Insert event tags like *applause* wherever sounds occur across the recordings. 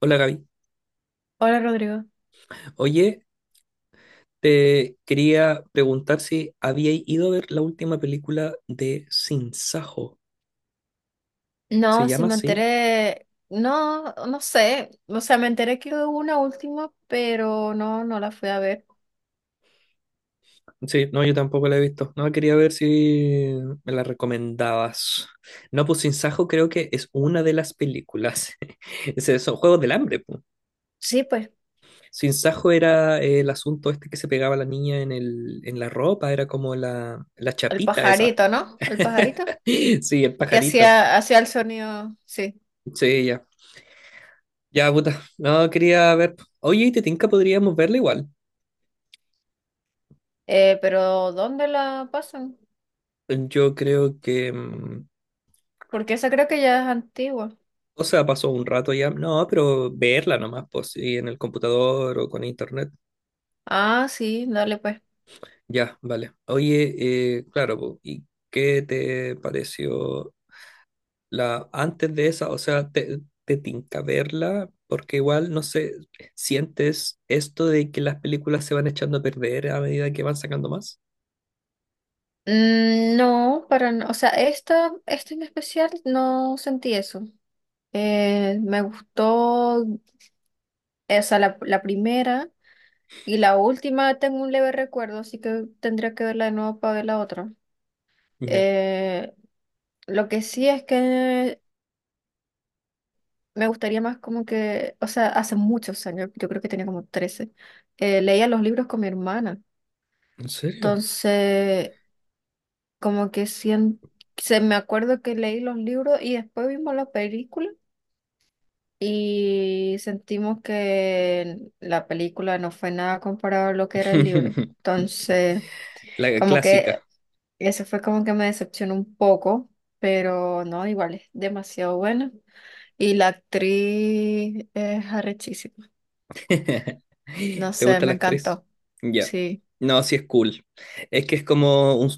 Hola, Gaby. Hola Rodrigo. Oye, te quería preguntar si había ido a ver la última película de Sin Sajo. ¿Se No, si llama me así? enteré, no, no sé, o sea, me enteré que hubo una última, pero no, no la fui a ver. Sí, no, yo tampoco la he visto. No, quería ver si me la recomendabas. No, pues Sin Sajo creo que es una de las películas. *laughs* Ese- Son Juegos del Hambre, pues. Sí, pues, Sin Sajo era el asunto este que se pegaba la niña en el, en la ropa, era como la el chapita esa. pajarito, ¿no? El pajarito, *laughs* Sí, el que pajarito. hacía el sonido, sí. Sí, ya. Ya, puta. No, quería ver. Oye, ¿y te tinca? Podríamos verla igual. Pero ¿dónde la pasan? Yo creo que. Porque esa creo que ya es antigua. O sea, pasó un rato ya. No, pero verla nomás, pues, sí, en el computador o con internet. Ah, sí, dale pues. Ya, vale. Oye, claro, po, ¿y qué te pareció la antes de esa? O sea, ¿te, te tinca verla? Porque igual, no sé, ¿sientes esto de que las películas se van echando a perder a medida que van sacando más? Mm, no, para, o sea, esta en especial no sentí eso. Me gustó, o sea, la primera. Y la última, tengo un leve recuerdo, así que tendría que verla de nuevo para ver la otra. Ya. Eh, lo que sí es que me gustaría más como que, o sea, hace muchos años, yo creo que tenía como 13, leía los libros con mi hermana. ¿En serio? Entonces, como que sien- se me acuerdo que leí los libros y después vimos la película y sentimos que la película no fue nada comparado a lo que era el libro. *laughs* Entonces, La como que clásica. eso fue como que me decepcionó un poco, pero no, igual es demasiado buena. Y la actriz es arrechísima. *laughs* No ¿Te sé, gusta me la actriz? encantó. Ya. Sí. No, sí es cool. Es que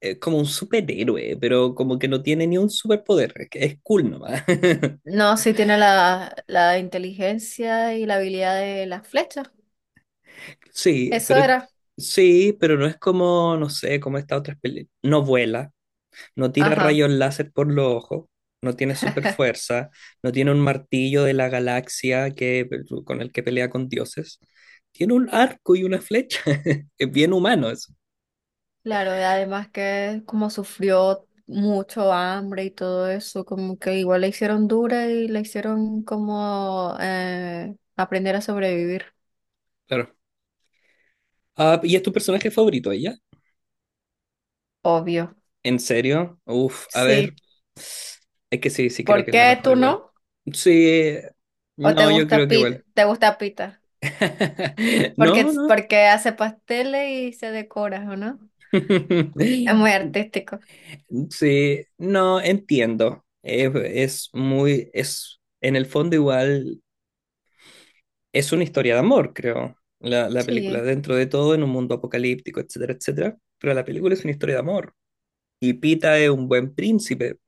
es como un superhéroe, pero como que no tiene ni un superpoder. Es, que es cool nomás. *laughs* No, sí tiene la inteligencia y la habilidad de las flechas. Sí, Eso pero era. sí, pero no es como, no sé, como esta otra película. No vuela, no tira Ajá. rayos láser por los ojos, no tiene super fuerza, no tiene un martillo de la galaxia que, con el que pelea con dioses. Tiene un arco y una flecha. *laughs* Es bien humano eso. Claro, y además que como sufrió mucho hambre y todo eso, como que igual la hicieron dura y la hicieron como aprender a sobrevivir. Claro. Ah, ¿y es tu personaje favorito ella? Obvio. ¿En serio? Uf, a Sí. ver, es que sí, sí ¿Por creo que es la qué mejor tú no? igual. Sí, ¿O te no, yo creo gusta que pita? igual. ¿Te gusta pita? *laughs* No, no. Porque hace pasteles y se decora, ¿o no? Es muy *laughs* artístico. Sí, no, entiendo. Es muy, es, en el fondo igual, es una historia de amor, creo, la película, Sí, dentro de todo, en un mundo apocalíptico, etcétera, etcétera, pero la película es una historia de amor. Y Pita es un buen príncipe.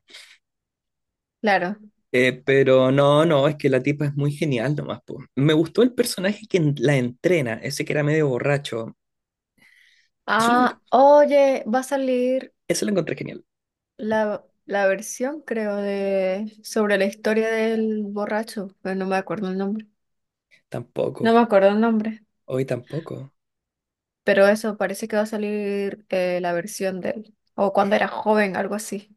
claro. Pero no, no, es que la tipa es muy genial nomás, po. Me gustó el personaje que en- la entrena, ese que era medio borracho. Eso lo, Ah, en- oye, va a salir eso lo encontré genial. La versión, creo, de sobre la historia del borracho, pero no me acuerdo el nombre. Tampoco, No me acuerdo el nombre, hoy tampoco. pero eso parece que va a salir, la versión de él. O cuando era joven, algo así.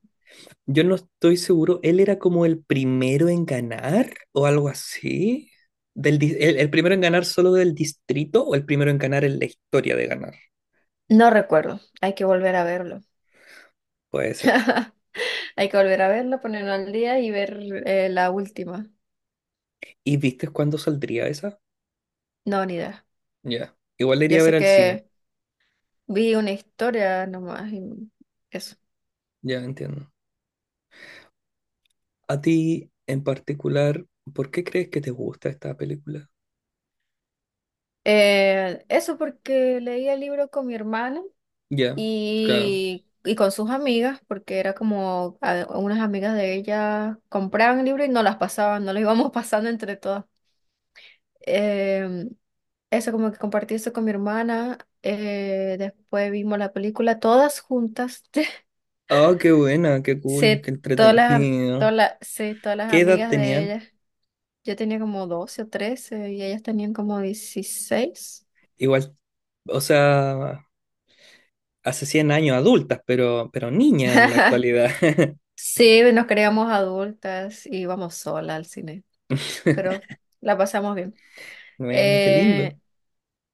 Yo no estoy seguro, él era como el primero en ganar o algo así. Del, dis- el primero en ganar solo del distrito o el primero en ganar en la historia de ganar. No recuerdo. Hay que volver a verlo. Puede ser. Hay que volver a verlo, ponerlo al día y ver, la última. ¿Y viste cuándo saldría esa? No, ni idea. Ya. Igual le Yo iría a ver sé al cine. que vi una historia nomás y eso. Ya entiendo. A ti en particular, ¿por qué crees que te gusta esta película? Eso porque leí el libro con mi hermana Ya, claro. Y con sus amigas, porque era como unas amigas de ella compraban el libro y no las pasaban, no las íbamos *laughs* pasando entre todas. Em, Eso, como que compartí eso con mi hermana. Después vimos la película todas juntas. *laughs* Ah, qué buena, qué cool, Sí, qué todas las, entretenido. Todas las ¿Qué edad amigas de tenían? ella. Yo tenía como 12 o 13 y ellas tenían como 16. Igual, o sea, hace 100 años adultas, pero niñas en la actualidad. Sí, nos creíamos adultas y íbamos sola al cine, pero *laughs* la pasamos bien. Bueno, qué lindo. Eh,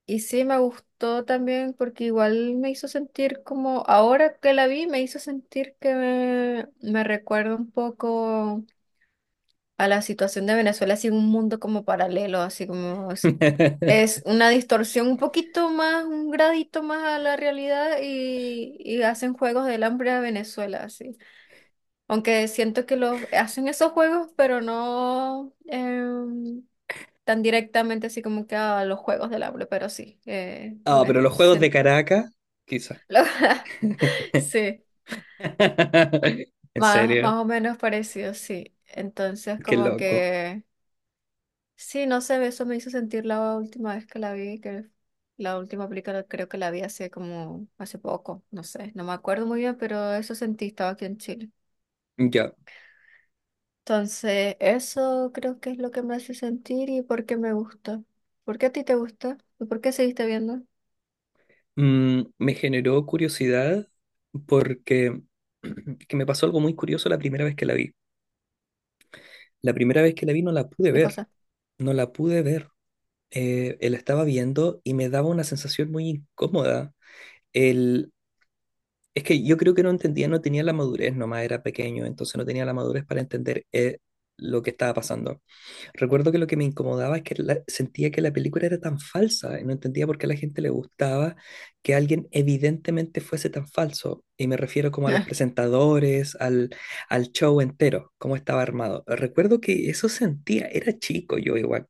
y sí, me gustó también porque igual me hizo sentir como, ahora que la vi, me hizo sentir que me recuerda un poco a la situación de Venezuela, así un mundo como paralelo, así como es *laughs* una distorsión un poquito más, un gradito más a la realidad y hacen juegos del hambre a Venezuela, así. Aunque siento que los hacen esos juegos, pero no tan directamente así como que a los juegos del hambre, pero sí, Ah, una, pero los juegos de Caracas, quizá. *laughs* lo- *laughs* sí, En más, más serio, o menos parecido, sí. Entonces qué como loco. que... Sí, no sé, eso me hizo sentir la última vez que la vi, que la última película creo que la vi hace como, hace poco, no sé, no me acuerdo muy bien, pero eso sentí, estaba aquí en Chile. Ya. Entonces, eso creo que es lo que me hace sentir y por qué me gusta. ¿Por qué a ti te gusta? ¿Y por qué seguiste viendo? Me generó curiosidad porque *clears throat* que me pasó algo muy curioso la primera vez que la vi. La primera vez que la vi no la pude ¿Qué ver, cosa? no la pude ver. La estaba viendo y me daba una sensación muy incómoda. El, es que yo creo que no entendía, no tenía la madurez, nomás era pequeño, entonces no tenía la madurez para entender lo que estaba pasando. Recuerdo que lo que me incomodaba es que la- sentía que la película era tan falsa y no entendía por qué a la gente le gustaba que alguien evidentemente fuese tan falso. Y me refiero como a los *laughs* presentadores, al, al show entero, cómo estaba armado. Recuerdo que eso sentía, era chico yo igual.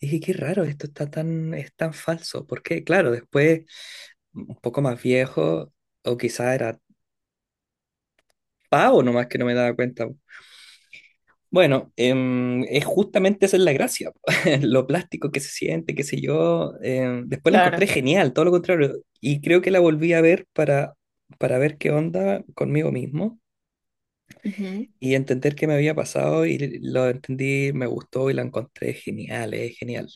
Y dije, qué raro, esto está tan, es tan falso. Porque claro, después, un poco más viejo, o quizá era pavo nomás que no me daba cuenta. Bueno, es justamente esa es la gracia, *laughs* lo plástico que se siente, qué sé yo. Después la encontré Claro. genial, todo lo contrario. Y creo que la volví a ver para ver qué onda conmigo mismo Ujú. y entender qué me había pasado y lo entendí, me gustó y la encontré genial, es genial.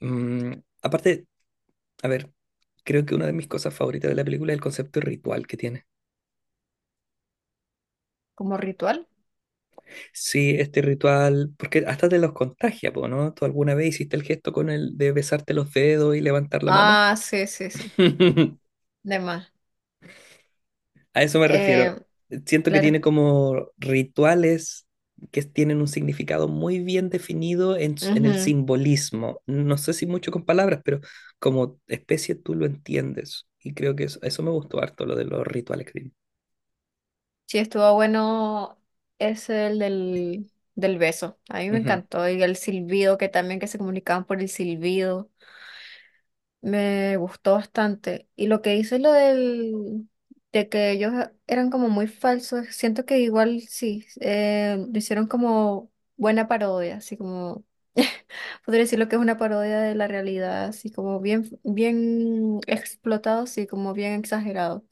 Mm, Aparte, a ver, creo que una de mis cosas favoritas de la película es el concepto de ritual que tiene. ¿Como ritual? Sí, este ritual, porque hasta te los contagia, po, ¿no? ¿Tú alguna vez hiciste el gesto con el de besarte los dedos y levantar la mano? Ah, sí, sí, sí. *laughs* De más. A eso me Eh, refiero. Siento que claro. tiene como rituales que tienen un significado muy bien definido en, s- en el Ujú. simbolismo. No sé si mucho con palabras, pero como especie tú lo entiendes. Y creo que eso me gustó harto, lo de los rituales que tiene. Sí, estuvo bueno, es el del beso. A mí me Ujú, encantó. Y el silbido, que también que se comunicaban por el silbido. Me gustó bastante. Y lo que hizo lo del, de que ellos eran como muy falsos, siento que igual sí, lo hicieron como buena parodia, así como, *laughs* podría decir lo que es una parodia de la realidad, así como bien, bien explotado, así como bien exagerado.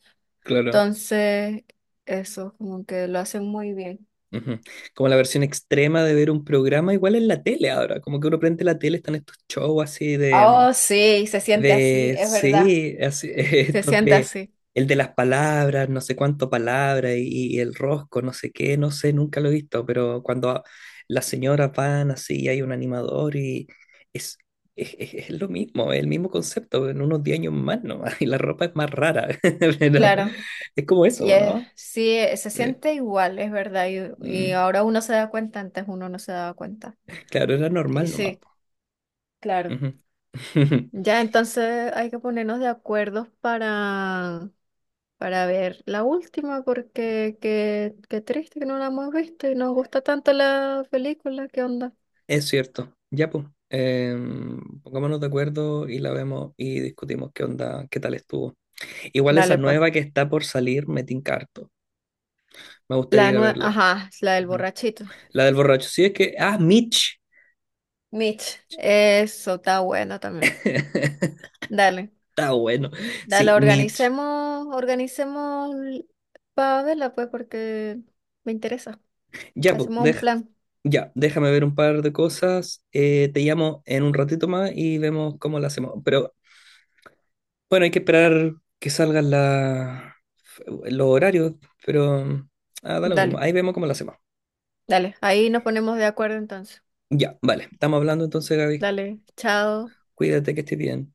claro. Entonces, eso, como que lo hacen muy bien. Ujú. Como la versión extrema de ver un programa, igual en la tele ahora, como que uno prende la tele, están estos shows así Oh, sí, se siente así, de, es verdad. sí, así, *laughs* Se estos siente de, así, el de las palabras, no sé cuánto palabra y el rosco, no sé qué, no sé, nunca lo he visto, pero cuando a- las señoras van así, y hay un animador y es, es, es lo mismo, es el mismo concepto, en unos 10 años más nomás, *laughs* y la ropa es más rara, *laughs* pero claro. es como Y eso, ¿no? Se Eh, siente igual, es verdad. Y mm, ahora uno se da cuenta, antes uno no se daba cuenta. claro, era Y normal nomás. sí, claro. Ujú. *laughs* Ya, entonces hay que ponernos de acuerdo para ver la última, porque qué, qué triste que no la hemos visto y nos gusta tanto la película, ¿qué onda? Es cierto. Ya, pues. Pongámonos de acuerdo y la vemos y discutimos qué onda, qué tal estuvo. Igual esa Dale, pues. nueva que está por salir, me tinca harto. Me gustaría La ir a verla. ajá, la del Ujú. borrachito. La del borracho. Sí, es que. Ah, Mitch. Mitch, eso está bueno también. *laughs* Dale, Está bueno. Sí, dale, Mitch. organicemos, organicemos para verla, pues, porque me interesa. Ya, pues, Hacemos un deja- plan. ya, déjame ver un par de cosas. Te llamo en un ratito más y vemos cómo la hacemos. Pero bueno, hay que esperar que salgan la, los horarios, pero ah, da lo mismo. Dale, Ahí vemos cómo lo hacemos. dale, ahí nos ponemos de acuerdo entonces. Ya, vale. Estamos hablando entonces, Gaby. Dale, chao. Cuídate que estés bien.